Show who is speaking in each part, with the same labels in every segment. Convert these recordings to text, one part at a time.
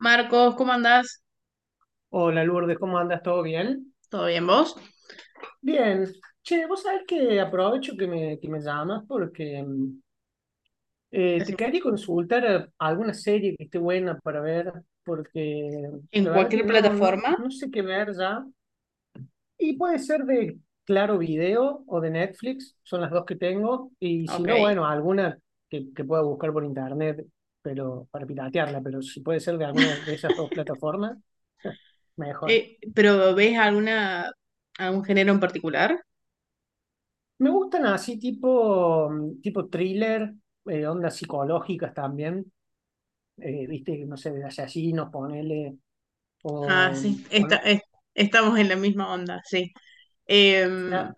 Speaker 1: Marcos, ¿cómo andás?
Speaker 2: Hola Lourdes, ¿cómo andas? ¿Todo bien?
Speaker 1: ¿Todo bien vos?
Speaker 2: Bien. Che, vos sabés que aprovecho que que me llamas porque te
Speaker 1: Decime.
Speaker 2: quería consultar alguna serie que esté buena para ver, porque
Speaker 1: En
Speaker 2: la verdad que
Speaker 1: cualquier plataforma,
Speaker 2: no sé qué ver ya. Y puede ser de Claro Video o de Netflix, son las dos que tengo. Y si
Speaker 1: ok.
Speaker 2: no, bueno, alguna que pueda buscar por internet pero para piratearla, pero si puede ser de alguna de esas dos plataformas, mejor.
Speaker 1: ¿Pero ves alguna, algún género en particular?
Speaker 2: Me gustan así tipo, tipo thriller, ondas psicológicas también, viste, no sé, de asesinos, ponele,
Speaker 1: Ah,
Speaker 2: o,
Speaker 1: sí,
Speaker 2: o no,
Speaker 1: estamos en la misma onda, sí. Em,
Speaker 2: la-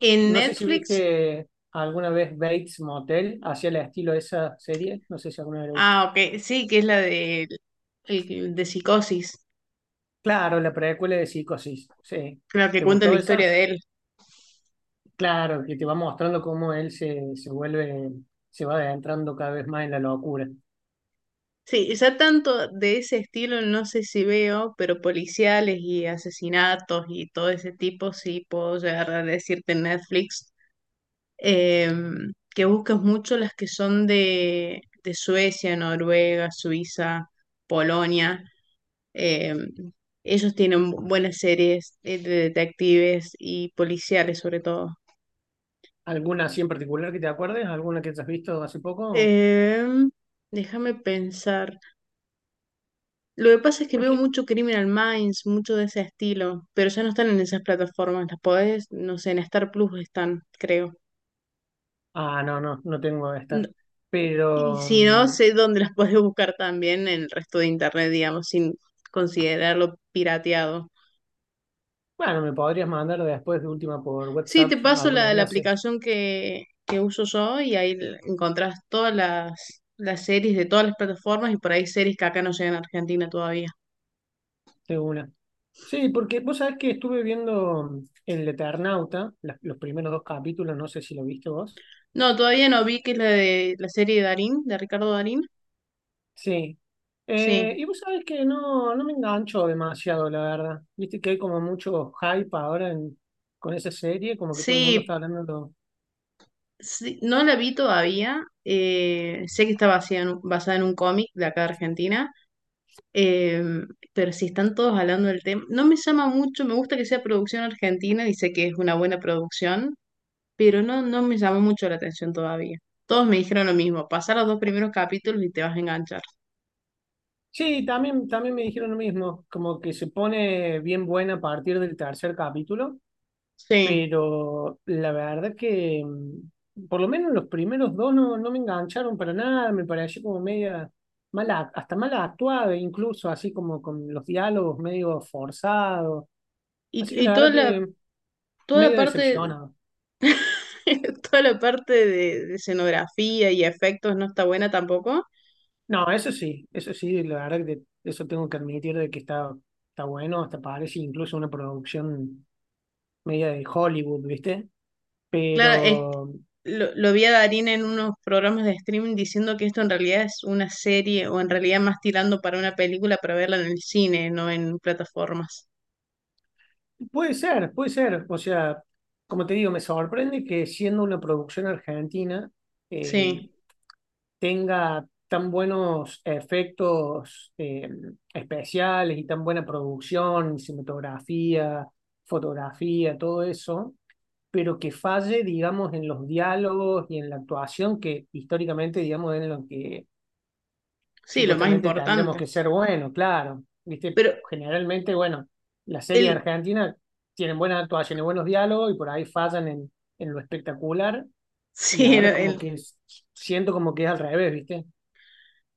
Speaker 1: en
Speaker 2: no sé si
Speaker 1: Netflix,
Speaker 2: viste alguna vez Bates Motel, hacia el estilo de esa serie, no sé si alguna vez lo viste.
Speaker 1: ah, ok, sí, que es la de, de Psicosis,
Speaker 2: Claro, la precuela de Psicosis, sí.
Speaker 1: la que
Speaker 2: ¿Te
Speaker 1: cuenta la
Speaker 2: gustó
Speaker 1: historia
Speaker 2: esa?
Speaker 1: de él.
Speaker 2: Claro, que te va mostrando cómo él se vuelve, se va adentrando cada vez más en la locura.
Speaker 1: Sí, ya tanto de ese estilo no sé si veo, pero policiales y asesinatos y todo ese tipo sí puedo llegar a decirte en Netflix. eh, que busques mucho las que son de Suecia, Noruega, Suiza, Polonia. eh, Ellos tienen buenas series de detectives y policiales sobre todo.
Speaker 2: ¿Alguna así en particular que te acuerdes? ¿Alguna que te has visto hace poco?
Speaker 1: Em, Déjame pensar. Lo que pasa es que veo mucho Criminal Minds, mucho de ese estilo, pero ya no están en esas plataformas. Las podés, no sé, en Star Plus están, creo.
Speaker 2: Ah, no tengo estar,
Speaker 1: Y
Speaker 2: pero
Speaker 1: si no, sé dónde las puedes buscar también en el resto de internet, digamos, sin considerarlo pirateado.
Speaker 2: bueno, me podrías mandar después de última por
Speaker 1: Sí, te
Speaker 2: WhatsApp
Speaker 1: paso
Speaker 2: algún
Speaker 1: la, la
Speaker 2: enlace
Speaker 1: aplicación que uso yo y ahí encontrás todas las series de todas las plataformas y por ahí series que acá no llegan a Argentina todavía.
Speaker 2: de una. Sí, porque vos sabés que estuve viendo El Eternauta, los primeros dos capítulos, no sé si lo viste vos.
Speaker 1: No, todavía no vi que es la de la serie de Darín, de Ricardo Darín.
Speaker 2: Sí.
Speaker 1: Sí,
Speaker 2: Y vos sabés que no me engancho demasiado, la verdad. Viste que hay como mucho hype con esa serie, como que todo el mundo está
Speaker 1: sí,
Speaker 2: hablando.
Speaker 1: sí, no la vi todavía. Sé que está basada en, basada en un cómic de acá de Argentina. Em, pero si están todos hablando del tema, no me llama mucho, me gusta que sea producción argentina y sé que es una buena producción, pero no, no me llama mucho la atención todavía. Todos me dijeron lo mismo, pasá los dos primeros capítulos y te vas a enganchar.
Speaker 2: Sí, también me dijeron lo mismo, como que se pone bien buena a partir del tercer capítulo.
Speaker 1: Sí,
Speaker 2: Pero la verdad que por lo menos los primeros dos no me engancharon para nada, me pareció como media mala, hasta mala actuada, incluso así como con los diálogos medio forzados. Así que
Speaker 1: y
Speaker 2: la verdad que
Speaker 1: toda la
Speaker 2: medio
Speaker 1: parte,
Speaker 2: decepcionado.
Speaker 1: toda la parte de escenografía y efectos no está buena tampoco.
Speaker 2: No, eso sí, la verdad que eso tengo que admitir de que está bueno, hasta parece incluso una producción media de Hollywood, ¿viste?
Speaker 1: Claro,
Speaker 2: Pero
Speaker 1: lo vi a Darín en unos programas de streaming diciendo que esto en realidad es una serie o en realidad más tirando para una película para verla en el cine, no en plataformas.
Speaker 2: puede ser, puede ser. O sea, como te digo, me sorprende que siendo una producción argentina eh,
Speaker 1: Sí,
Speaker 2: tenga tan buenos efectos especiales y tan buena producción, cinematografía, fotografía, todo eso, pero que falle, digamos, en los diálogos y en la actuación que históricamente, digamos, es en lo que
Speaker 1: sí, lo más
Speaker 2: supuestamente tendremos
Speaker 1: importante.
Speaker 2: que ser buenos, claro. Viste,
Speaker 1: Pero
Speaker 2: generalmente, bueno, las series
Speaker 1: el,
Speaker 2: argentinas tienen buenas actuaciones, buenos diálogos y por ahí fallan en lo espectacular. Y
Speaker 1: sí,
Speaker 2: ahora como que siento como que es al revés, ¿viste?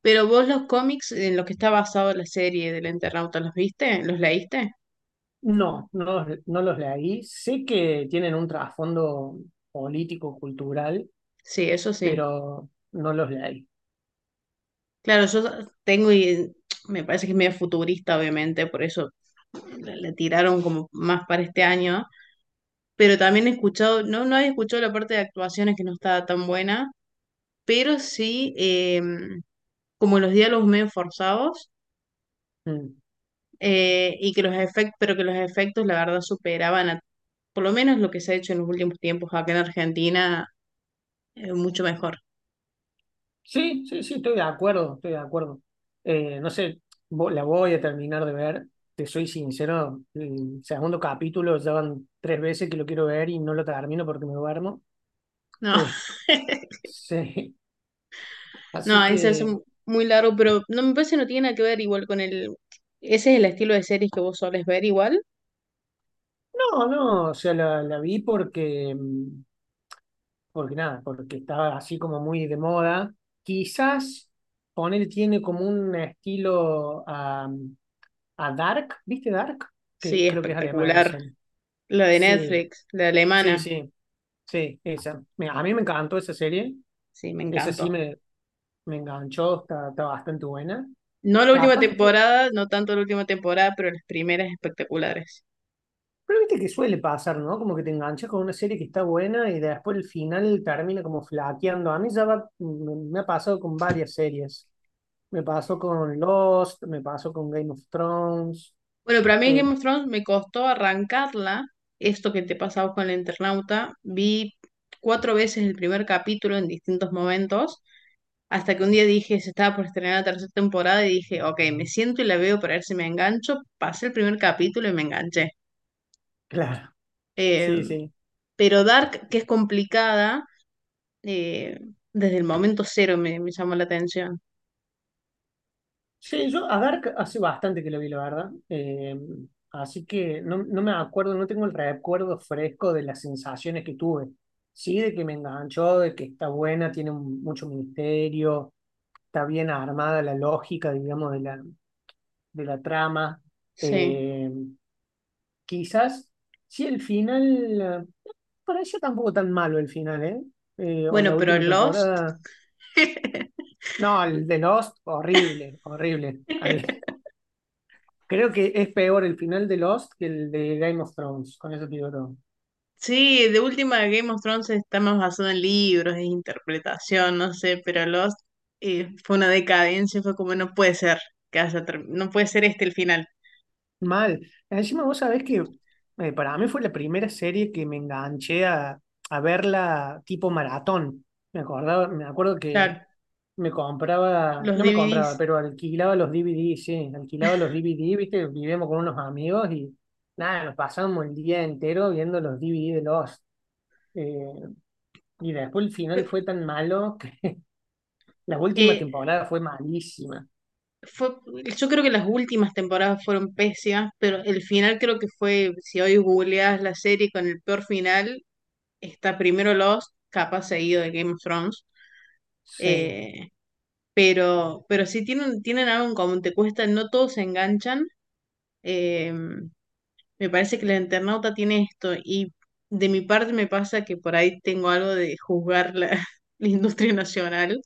Speaker 1: pero vos los cómics en los que está basado la serie del Eternauta, ¿los viste? ¿Los leíste?
Speaker 2: No, no, no los leí. Sé que tienen un trasfondo político, cultural,
Speaker 1: Sí, eso sí.
Speaker 2: pero no los leí.
Speaker 1: Claro, yo tengo y me parece que es medio futurista, obviamente, por eso la, la tiraron como más para este año, pero también he escuchado, no, no he escuchado la parte de actuaciones que no estaba tan buena, pero sí como los diálogos medio forzados
Speaker 2: Mm.
Speaker 1: y que los efectos, pero que los efectos la verdad superaban a, por lo menos lo que se ha hecho en los últimos tiempos acá en Argentina, mucho mejor.
Speaker 2: Sí, sí, sí, estoy de acuerdo, estoy de acuerdo. No sé, la voy a terminar de ver, te soy sincero, el segundo capítulo ya van tres veces que lo quiero ver y no lo termino porque me duermo.
Speaker 1: No,
Speaker 2: Eh, sí,
Speaker 1: no,
Speaker 2: así
Speaker 1: ahí se hace
Speaker 2: que,
Speaker 1: muy largo, pero no me parece que no tiene nada que ver igual con el... Ese es el estilo de series que vos solés ver igual.
Speaker 2: no, no, o sea, la vi porque, porque nada, porque estaba así como muy de moda. Quizás poner tiene como un estilo a Dark, ¿viste Dark? Que
Speaker 1: Sí,
Speaker 2: creo que es alemana, la
Speaker 1: espectacular.
Speaker 2: serie.
Speaker 1: La de
Speaker 2: Sí,
Speaker 1: Netflix, la
Speaker 2: sí,
Speaker 1: alemana.
Speaker 2: sí, esa. Mira, a mí me encantó esa serie.
Speaker 1: Sí, me
Speaker 2: Esa
Speaker 1: encantó.
Speaker 2: me enganchó, está bastante buena.
Speaker 1: No la última
Speaker 2: Capaz que,
Speaker 1: temporada, no tanto la última temporada, pero las primeras espectaculares.
Speaker 2: pero viste que suele pasar, ¿no? Como que te enganchas con una serie que está buena y después el final termina como flaqueando. A mí me ha pasado con varias series. Me pasó con Lost, me pasó con Game of Thrones.
Speaker 1: Bueno, para mí
Speaker 2: Eh,
Speaker 1: Game of Thrones me costó arrancarla. Esto que te pasaba con el internauta, vi 4 veces el primer capítulo en distintos momentos, hasta que un día dije, se estaba por estrenar la tercera temporada y dije, ok, me siento y la veo para ver si me engancho. Pasé el primer capítulo y me enganché.
Speaker 2: claro,
Speaker 1: Eh,
Speaker 2: sí, sí.
Speaker 1: pero Dark, que es complicada, eh, desde el momento cero me, me llamó la atención.
Speaker 2: Sí, yo a Dark hace bastante que lo vi, la verdad. Así que no, no me acuerdo, no tengo el recuerdo fresco de las sensaciones que tuve. Sí, de que me enganchó, de que está buena, tiene mucho misterio, está bien armada la lógica, digamos, de la trama.
Speaker 1: Sí.
Speaker 2: Eh, quizás, sí, el final, parecía tampoco tan malo el final, ¿eh? O
Speaker 1: Bueno,
Speaker 2: la
Speaker 1: pero
Speaker 2: última
Speaker 1: Lost.
Speaker 2: temporada. No, el de Lost, horrible, horrible. Al- Creo que es peor el final de Lost que el de Game of Thrones, con eso te digo todo.
Speaker 1: Sí, de última Game of Thrones está más basado en libros, en interpretación, no sé, pero Lost fue una decadencia, fue como no puede ser que haya no puede ser este el final.
Speaker 2: Mal. Encima vos sabés que para mí fue la primera serie que me enganché a verla tipo maratón. Me acordaba, me acuerdo que
Speaker 1: Claro,
Speaker 2: me compraba,
Speaker 1: los
Speaker 2: no me compraba,
Speaker 1: DVDs.
Speaker 2: pero alquilaba los DVDs, sí, alquilaba los DVDs, viste, vivíamos con unos amigos y nada, nos pasamos el día entero viendo los DVDs de Lost. Eh, y después el final fue tan malo que la última
Speaker 1: eh,
Speaker 2: temporada fue malísima.
Speaker 1: Fue, yo creo que las últimas temporadas fueron pésimas, pero el final creo que fue, si hoy googleas la serie con el peor final, está primero Lost, capaz seguido de Game of Thrones.
Speaker 2: Sí,
Speaker 1: eh, pero sí tienen, tienen algo en común, te cuesta, no todos se enganchan. eh, Me parece que el internauta tiene esto y de mi parte me pasa que por ahí tengo algo de juzgar la, la industria nacional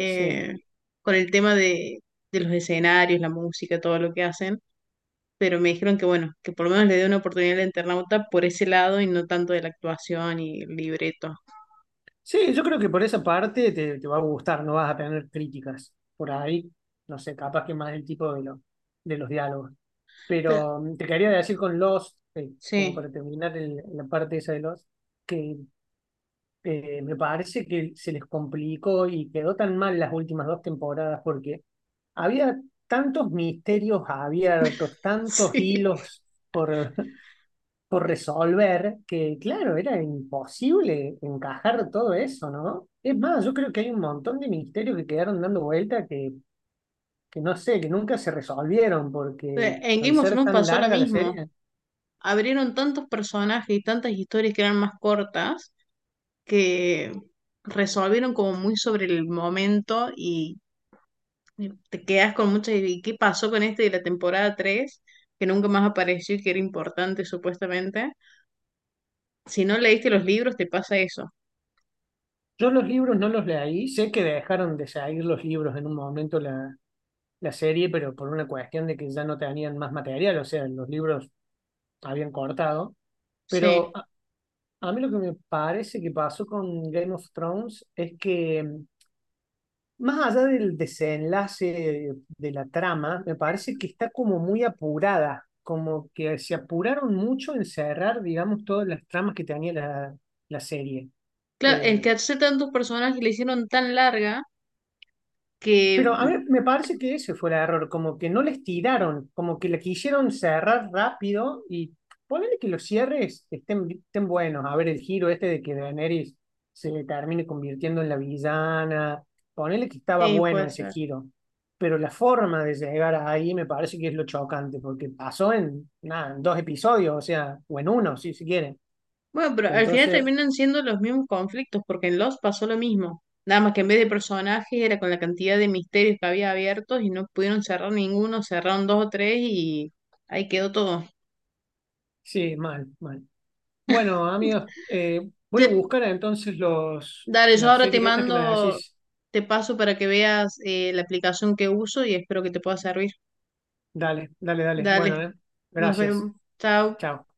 Speaker 2: sí.
Speaker 1: con el tema de los escenarios, la música, todo lo que hacen, pero me dijeron que bueno, que por lo menos le dé una oportunidad al internauta por ese lado y no tanto de la actuación y el libreto.
Speaker 2: Sí, yo creo que por esa parte te va a gustar, no vas a tener críticas por ahí. No sé, capaz que más el tipo de, de los diálogos.
Speaker 1: Pero,
Speaker 2: Pero te quería decir con Lost, como
Speaker 1: sí,
Speaker 2: para terminar la parte esa de Lost, que me parece que se les complicó y quedó tan mal las últimas dos temporadas porque había tantos misterios abiertos, tantos
Speaker 1: sí.
Speaker 2: hilos por, por resolver, que claro, era imposible encajar todo eso, ¿no? Es más, yo creo que hay un montón de misterios que quedaron dando vuelta que no sé, que nunca se resolvieron, porque
Speaker 1: En
Speaker 2: al
Speaker 1: Game of
Speaker 2: ser
Speaker 1: Thrones
Speaker 2: tan
Speaker 1: pasó lo
Speaker 2: larga la
Speaker 1: mismo.
Speaker 2: serie,
Speaker 1: Abrieron tantos personajes y tantas historias que eran más cortas que resolvieron como muy sobre el momento y te quedas con muchas ideas. ¿Y qué pasó con este de la temporada 3 que nunca más apareció y que era importante supuestamente? Si no leíste los libros, te pasa eso.
Speaker 2: yo los libros no los leí, sé que dejaron de salir los libros en un momento la serie, pero por una cuestión de que ya no tenían más material, o sea, los libros habían cortado, pero...
Speaker 1: Sí.
Speaker 2: A, a mí lo que me parece que pasó con Game of Thrones es que más allá del desenlace de la trama, me parece que está como muy apurada, como que se apuraron mucho en cerrar, digamos, todas las tramas que tenía la serie.
Speaker 1: Claro,
Speaker 2: Eh,
Speaker 1: es que hace tantos personajes le hicieron tan larga que
Speaker 2: Pero a mí me parece que ese fue el error, como que no les tiraron, como que le quisieron cerrar rápido y ponele que los cierres estén buenos. A ver, el giro este de que Daenerys se termine convirtiendo en la villana, ponele que estaba
Speaker 1: sí,
Speaker 2: bueno
Speaker 1: pues
Speaker 2: ese giro. Pero la forma de llegar ahí me parece que es lo chocante, porque pasó en, nada, en dos episodios, o sea, o en uno, si se quiere.
Speaker 1: bueno, pero al final
Speaker 2: Entonces,
Speaker 1: terminan siendo los mismos conflictos, porque en Lost pasó lo mismo. Nada más que en vez de personajes era con la cantidad de misterios que había abiertos y no pudieron cerrar ninguno, cerraron dos o tres y ahí quedó todo.
Speaker 2: sí, mal, mal. Bueno, amigos, voy a
Speaker 1: Te,
Speaker 2: buscar entonces los,
Speaker 1: dale, yo
Speaker 2: las
Speaker 1: ahora te
Speaker 2: series estas que me
Speaker 1: mando,
Speaker 2: decís.
Speaker 1: te paso para que veas la aplicación que uso y espero que te pueda servir.
Speaker 2: Dale, dale, dale. Bueno,
Speaker 1: Dale, nos
Speaker 2: gracias.
Speaker 1: vemos. Chao.
Speaker 2: Chao.